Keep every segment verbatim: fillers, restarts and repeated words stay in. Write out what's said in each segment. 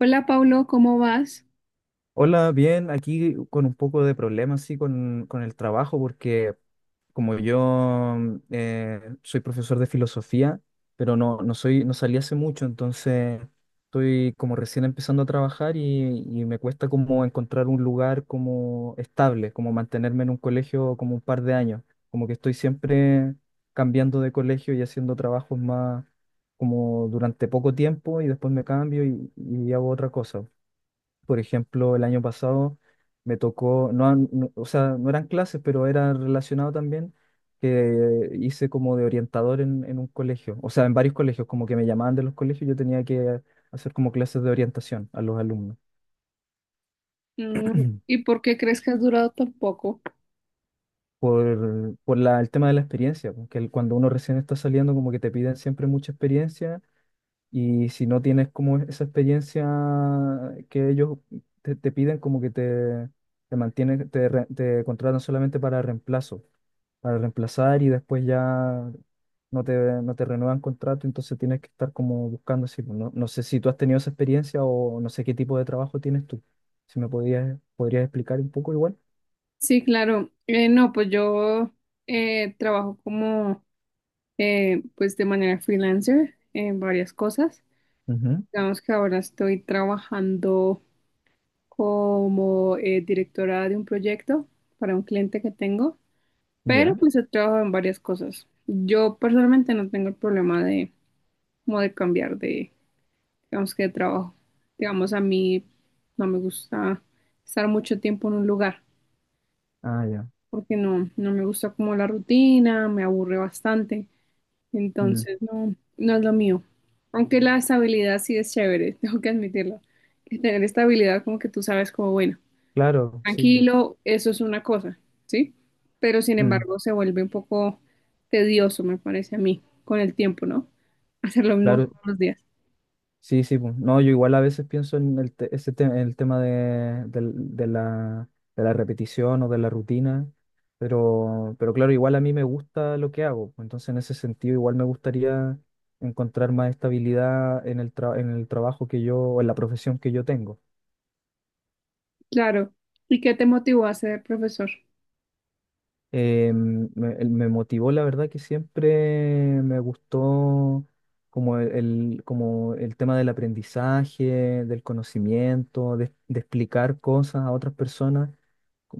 Hola, Paulo, ¿cómo vas? Hola, bien, aquí con un poco de problemas, sí, con, con el trabajo, porque como yo mm, eh, soy profesor de filosofía, pero no, no soy, no salí hace mucho. Entonces estoy como recién empezando a trabajar, y, y me cuesta como encontrar un lugar como estable, como mantenerme en un colegio como un par de años, como que estoy siempre cambiando de colegio y haciendo trabajos más como durante poco tiempo y después me cambio y, y hago otra cosa. Por ejemplo, el año pasado me tocó, no, no- o sea, no eran clases, pero era relacionado también, que hice como de orientador en, en un colegio, o sea, en varios colegios, como que me llamaban de los colegios, yo tenía que hacer como clases de orientación a los alumnos, Mm. ¿Y por qué crees que has durado tan poco? por, por la- el tema de la experiencia. Porque el- cuando uno recién está saliendo, como que te piden siempre mucha experiencia. Y si no tienes como esa experiencia que ellos te, te piden, como que te, te mantienen, te, re- te contratan solamente para reemplazo, para reemplazar, y después ya no te, no te renuevan contrato. Entonces tienes que estar como buscando así, pues. No, no sé si tú has tenido esa experiencia o no sé qué tipo de trabajo tienes tú. Si me podías, podrías explicar un poco igual. Sí, claro. Eh, no, pues yo eh, trabajo como, eh, pues de manera freelancer en varias cosas. Ujú. Digamos que ahora estoy trabajando como eh, directora de un proyecto para un cliente que tengo, pero Ya. pues he trabajado en varias cosas. Yo personalmente no tengo el problema de, como de cambiar de, digamos que de trabajo. Digamos, a mí no me gusta estar mucho tiempo en un lugar Ah, ya. porque no, no me gusta como la rutina, me aburre bastante, Mm. entonces no, no es lo mío. Aunque la estabilidad sí es chévere, tengo que admitirlo. Que tener estabilidad como que tú sabes como, bueno, Claro, sí. tranquilo, eso es una cosa, ¿sí? Pero sin Mm. embargo se vuelve un poco tedioso, me parece a mí, con el tiempo, ¿no? Hacer lo mismo Claro. todos los días. Sí, sí, pues. No, yo igual a veces pienso en el, te- ese te- en el tema de, del- de la, de la repetición o de la rutina. Pero, pero claro, igual a mí me gusta lo que hago, pues, entonces en ese sentido igual me gustaría encontrar más estabilidad en el, tra- en el trabajo que yo, o en la profesión que yo tengo. Claro. ¿Y qué te motivó a ser profesor? eh, me, el- me motivó, la verdad, que siempre me gustó como el, el- como el tema del aprendizaje, del conocimiento, de, de explicar cosas a otras personas.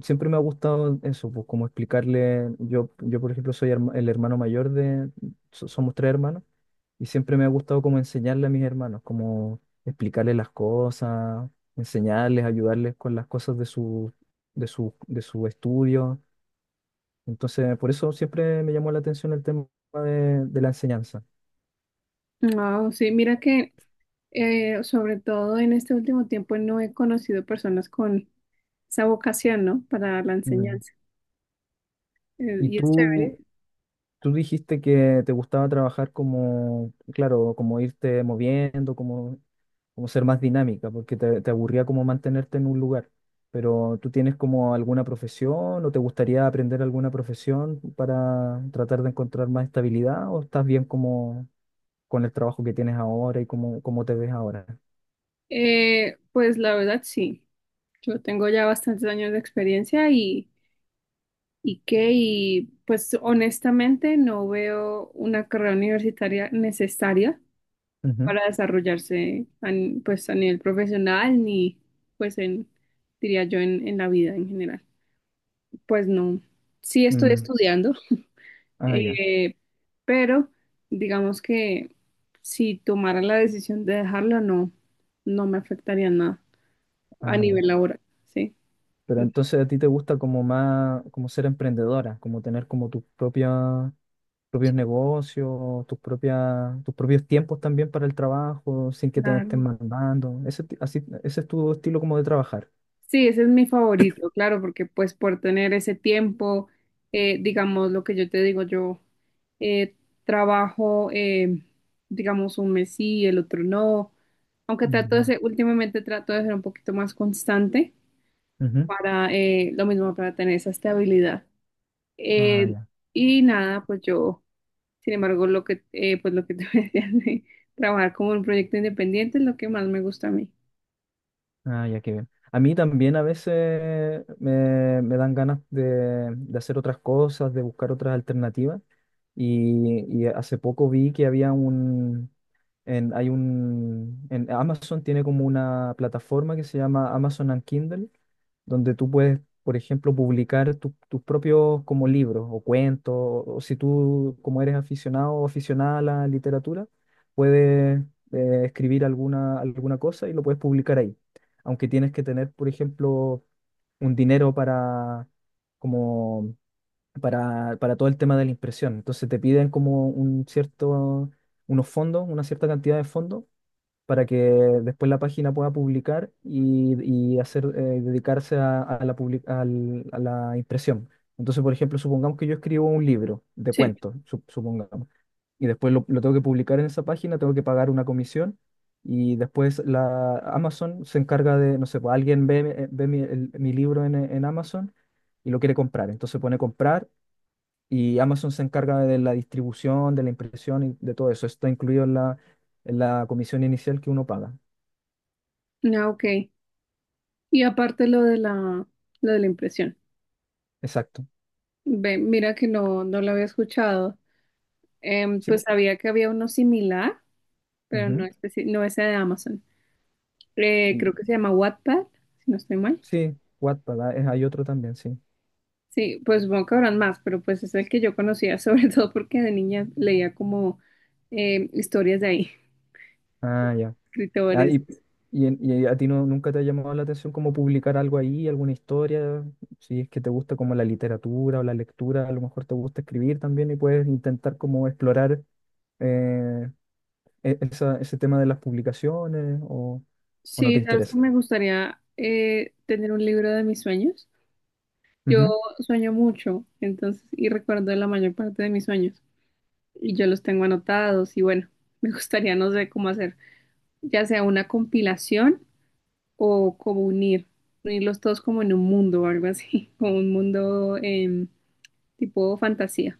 Siempre me ha gustado eso, pues como explicarle. Yo, yo por ejemplo soy herma- el hermano mayor de, so- somos tres hermanos, y siempre me ha gustado como enseñarle a mis hermanos, como explicarles las cosas, enseñarles, ayudarles con las cosas de su, de su, de su estudio. Entonces, por eso siempre me llamó la atención el tema de, de la enseñanza. No, sí, mira que eh, sobre todo en este último tiempo no he conocido personas con esa vocación, ¿no? Para la Mm. enseñanza. Eh, Y Y es chévere. tú, tú dijiste que te gustaba trabajar como, claro, como irte moviendo, como, como ser más dinámica, porque te, te aburría como mantenerte en un lugar. Pero ¿tú tienes como alguna profesión o te gustaría aprender alguna profesión para tratar de encontrar más estabilidad o estás bien como con el trabajo que tienes ahora y cómo, cómo te ves ahora? Eh, pues la verdad sí, yo tengo ya bastantes años de experiencia y, y que, y pues honestamente no veo una carrera universitaria necesaria Ujú. para desarrollarse a ni- pues a nivel profesional ni pues en, diría yo, en, en la vida en general. Pues no, sí estoy Mm. estudiando. Ah, ya. Eh, pero digamos que si tomara la decisión de dejarla, no, no me afectaría nada a Ah, ya. nivel laboral, ¿sí? Pero entonces a ti te gusta como más, como ser emprendedora, como tener como tus propias, propios Entonces, negocios, tus propias, tus propios tiempos también para el trabajo, sin que te estén claro. mandando. Ese, ti- así, ese es tu estilo como de trabajar. Sí, ese es mi favorito, claro, porque pues por tener ese tiempo, eh, digamos lo que yo te digo, yo eh, trabajo, eh, digamos, un mes sí, el otro no, aunque Mm. trato de Ya. ser, últimamente trato de ser un poquito más constante Ujú. para eh, lo mismo, para tener esa estabilidad. Ah, Eh, ya. y nada, pues yo, sin embargo, lo que, eh, pues lo que te decía de trabajar como un proyecto independiente es lo que más me gusta a mí. Ah, ya, qué bien. A mí también a veces me, me dan ganas de, de hacer otras cosas, de buscar otras alternativas. Y, y hace poco vi que había En, hay un, en Amazon tiene como una plataforma que se llama Amazon and Kindle, donde tú puedes, por ejemplo, publicar tu- tus propios como libros o cuentos. O si tú como eres aficionado o aficionada a la literatura, puedes eh, escribir alguna, alguna cosa y lo puedes publicar ahí. Aunque tienes que tener, por ejemplo, un dinero para, como, para, para todo el tema de la impresión. Entonces te piden como un cierto unos fondos, una cierta cantidad de fondos para que después la página pueda publicar y, y hacer, eh, dedicarse a, a la public- al- a la impresión. Entonces, por ejemplo, supongamos que yo escribo un libro de Sí, cuentos, su- supongamos, y después lo, lo tengo que publicar en esa página, tengo que pagar una comisión, y después la Amazon se encarga de, no sé, pues, alguien ve, eh, ve mi, el- mi libro en, en Amazon y lo quiere comprar. Entonces pone comprar y Amazon se encarga de la distribución, de la impresión y de todo eso. Está incluido en la en la comisión inicial que uno paga. ah, ok. Y aparte lo de la, lo de la impresión. Exacto. Ve, mira que no, no lo había escuchado. Em, Sí, pues po. sabía que había uno similar, pero no, Ujú. especi- no ese de Amazon. Eh, Y, Creo que se llama Wattpad, si no estoy mal. sí, Wattpad. Ah, es- hay otro también, sí. Sí, pues supongo que habrán más, pero pues es el que yo conocía, sobre todo porque de niña leía como em, historias de ahí. Ah, ya. Ah, Escritores. y, y, en- y a ti no, ¿nunca te ha llamado la atención como publicar algo ahí, alguna historia? Si es que te gusta como la literatura o la lectura, a lo mejor te gusta escribir también y puedes intentar como explorar eh, e- esa- ese tema de las publicaciones, o, o no Sí, te sabes que interesa. me gustaría eh, tener un libro de mis sueños. Yo sueño mucho, entonces, y recuerdo la mayor parte de mis sueños. Y yo los tengo anotados y bueno, me gustaría, no sé cómo hacer, ya sea una compilación o como unir, unirlos todos como en un mundo o algo así, como un mundo em, tipo fantasía.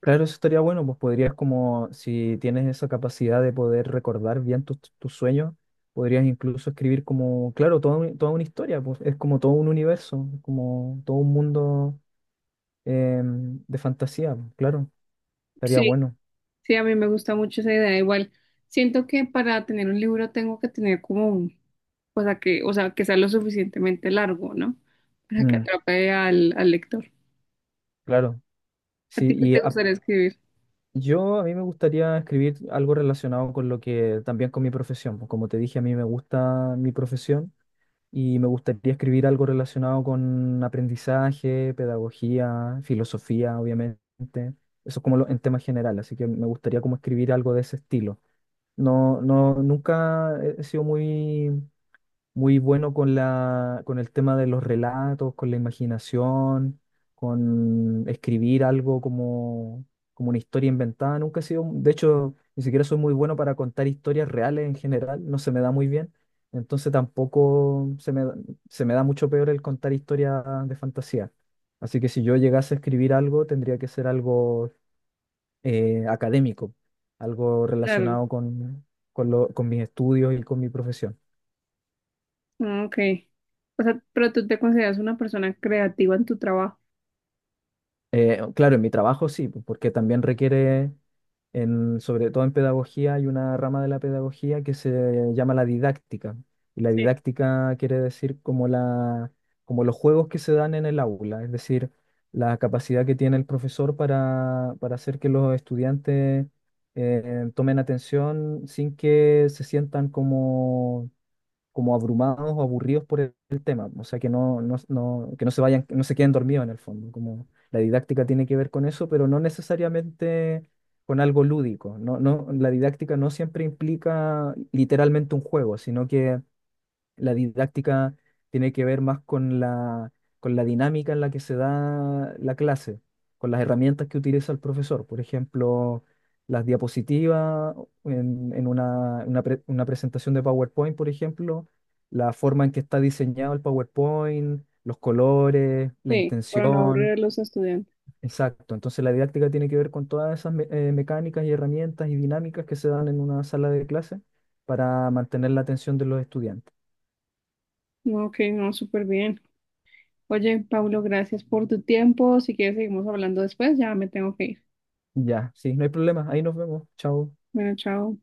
Claro, eso estaría bueno, pues podrías como, si tienes esa capacidad de poder recordar bien tus tus sueños, podrías incluso escribir como, claro, toda, un- toda una historia, pues es como todo un universo, como todo un mundo, em, de fantasía, pues, claro, estaría Sí. bueno. Sí, a mí me gusta mucho esa idea. Igual, siento que para tener un libro tengo que tener como un, o sea, que, o sea, que sea lo suficientemente largo, ¿no? Para que Mm, atrape al, al lector. claro, ¿A sí, ti qué y te a- gustaría escribir? yo a mí me gustaría escribir algo relacionado con lo que, también con mi profesión, pues como te dije, a mí me gusta mi profesión. Y me gustaría escribir algo relacionado con aprendizaje, pedagogía, filosofía, obviamente. Eso es como lo- en tema general, así que me gustaría como escribir algo de ese estilo. No, no, nunca he he sido muy muy bueno con la, con el tema de los relatos, con la imaginación, con escribir algo como, como una historia inventada. Nunca he sido, de hecho, ni siquiera soy muy bueno para contar historias reales en general, no se me da muy bien. Entonces tampoco se me, se me da mucho peor el contar historias de fantasía. Así que si yo llegase a escribir algo, tendría que ser algo eh, académico, algo Claro. relacionado con, con, lo- con mis estudios y con mi profesión. Ah, ok. O sea, pero tú te consideras una persona creativa en tu trabajo. Eh, claro, en mi trabajo sí, pues, porque también requiere, en, sobre todo en pedagogía, hay una rama de la pedagogía que se llama la didáctica. Y la Sí. didáctica quiere decir como la, como los juegos que se dan en el aula, es decir, la capacidad que tiene el profesor para, para hacer que los estudiantes eh, tomen atención sin que se sientan como como abrumados o aburridos por el, el tema, o sea, que no, no, no- que no se vayan, que no se queden dormidos en el fondo, como la didáctica tiene que ver con eso, pero no necesariamente con algo lúdico. No, no, la didáctica no siempre implica literalmente un juego, sino que la didáctica tiene que ver más con la, con la dinámica en la que se da la clase, con las herramientas que utiliza el profesor. Por ejemplo, las diapositivas en, en una, una pre- una presentación de PowerPoint, por ejemplo, la forma en que está diseñado el PowerPoint, los colores, la Sí, para no aburrir intención. a los estudiantes. Exacto. Entonces la didáctica tiene que ver con todas esas me- eh, mecánicas y herramientas y dinámicas que se dan en una sala de clase para mantener la atención de los estudiantes. No, ok, no, súper bien. Oye, Pablo, gracias por tu tiempo. Si quieres, seguimos hablando después. Ya me tengo que ir. Ya, sí, no hay problema. Ahí nos vemos. Chao. Bueno, chao.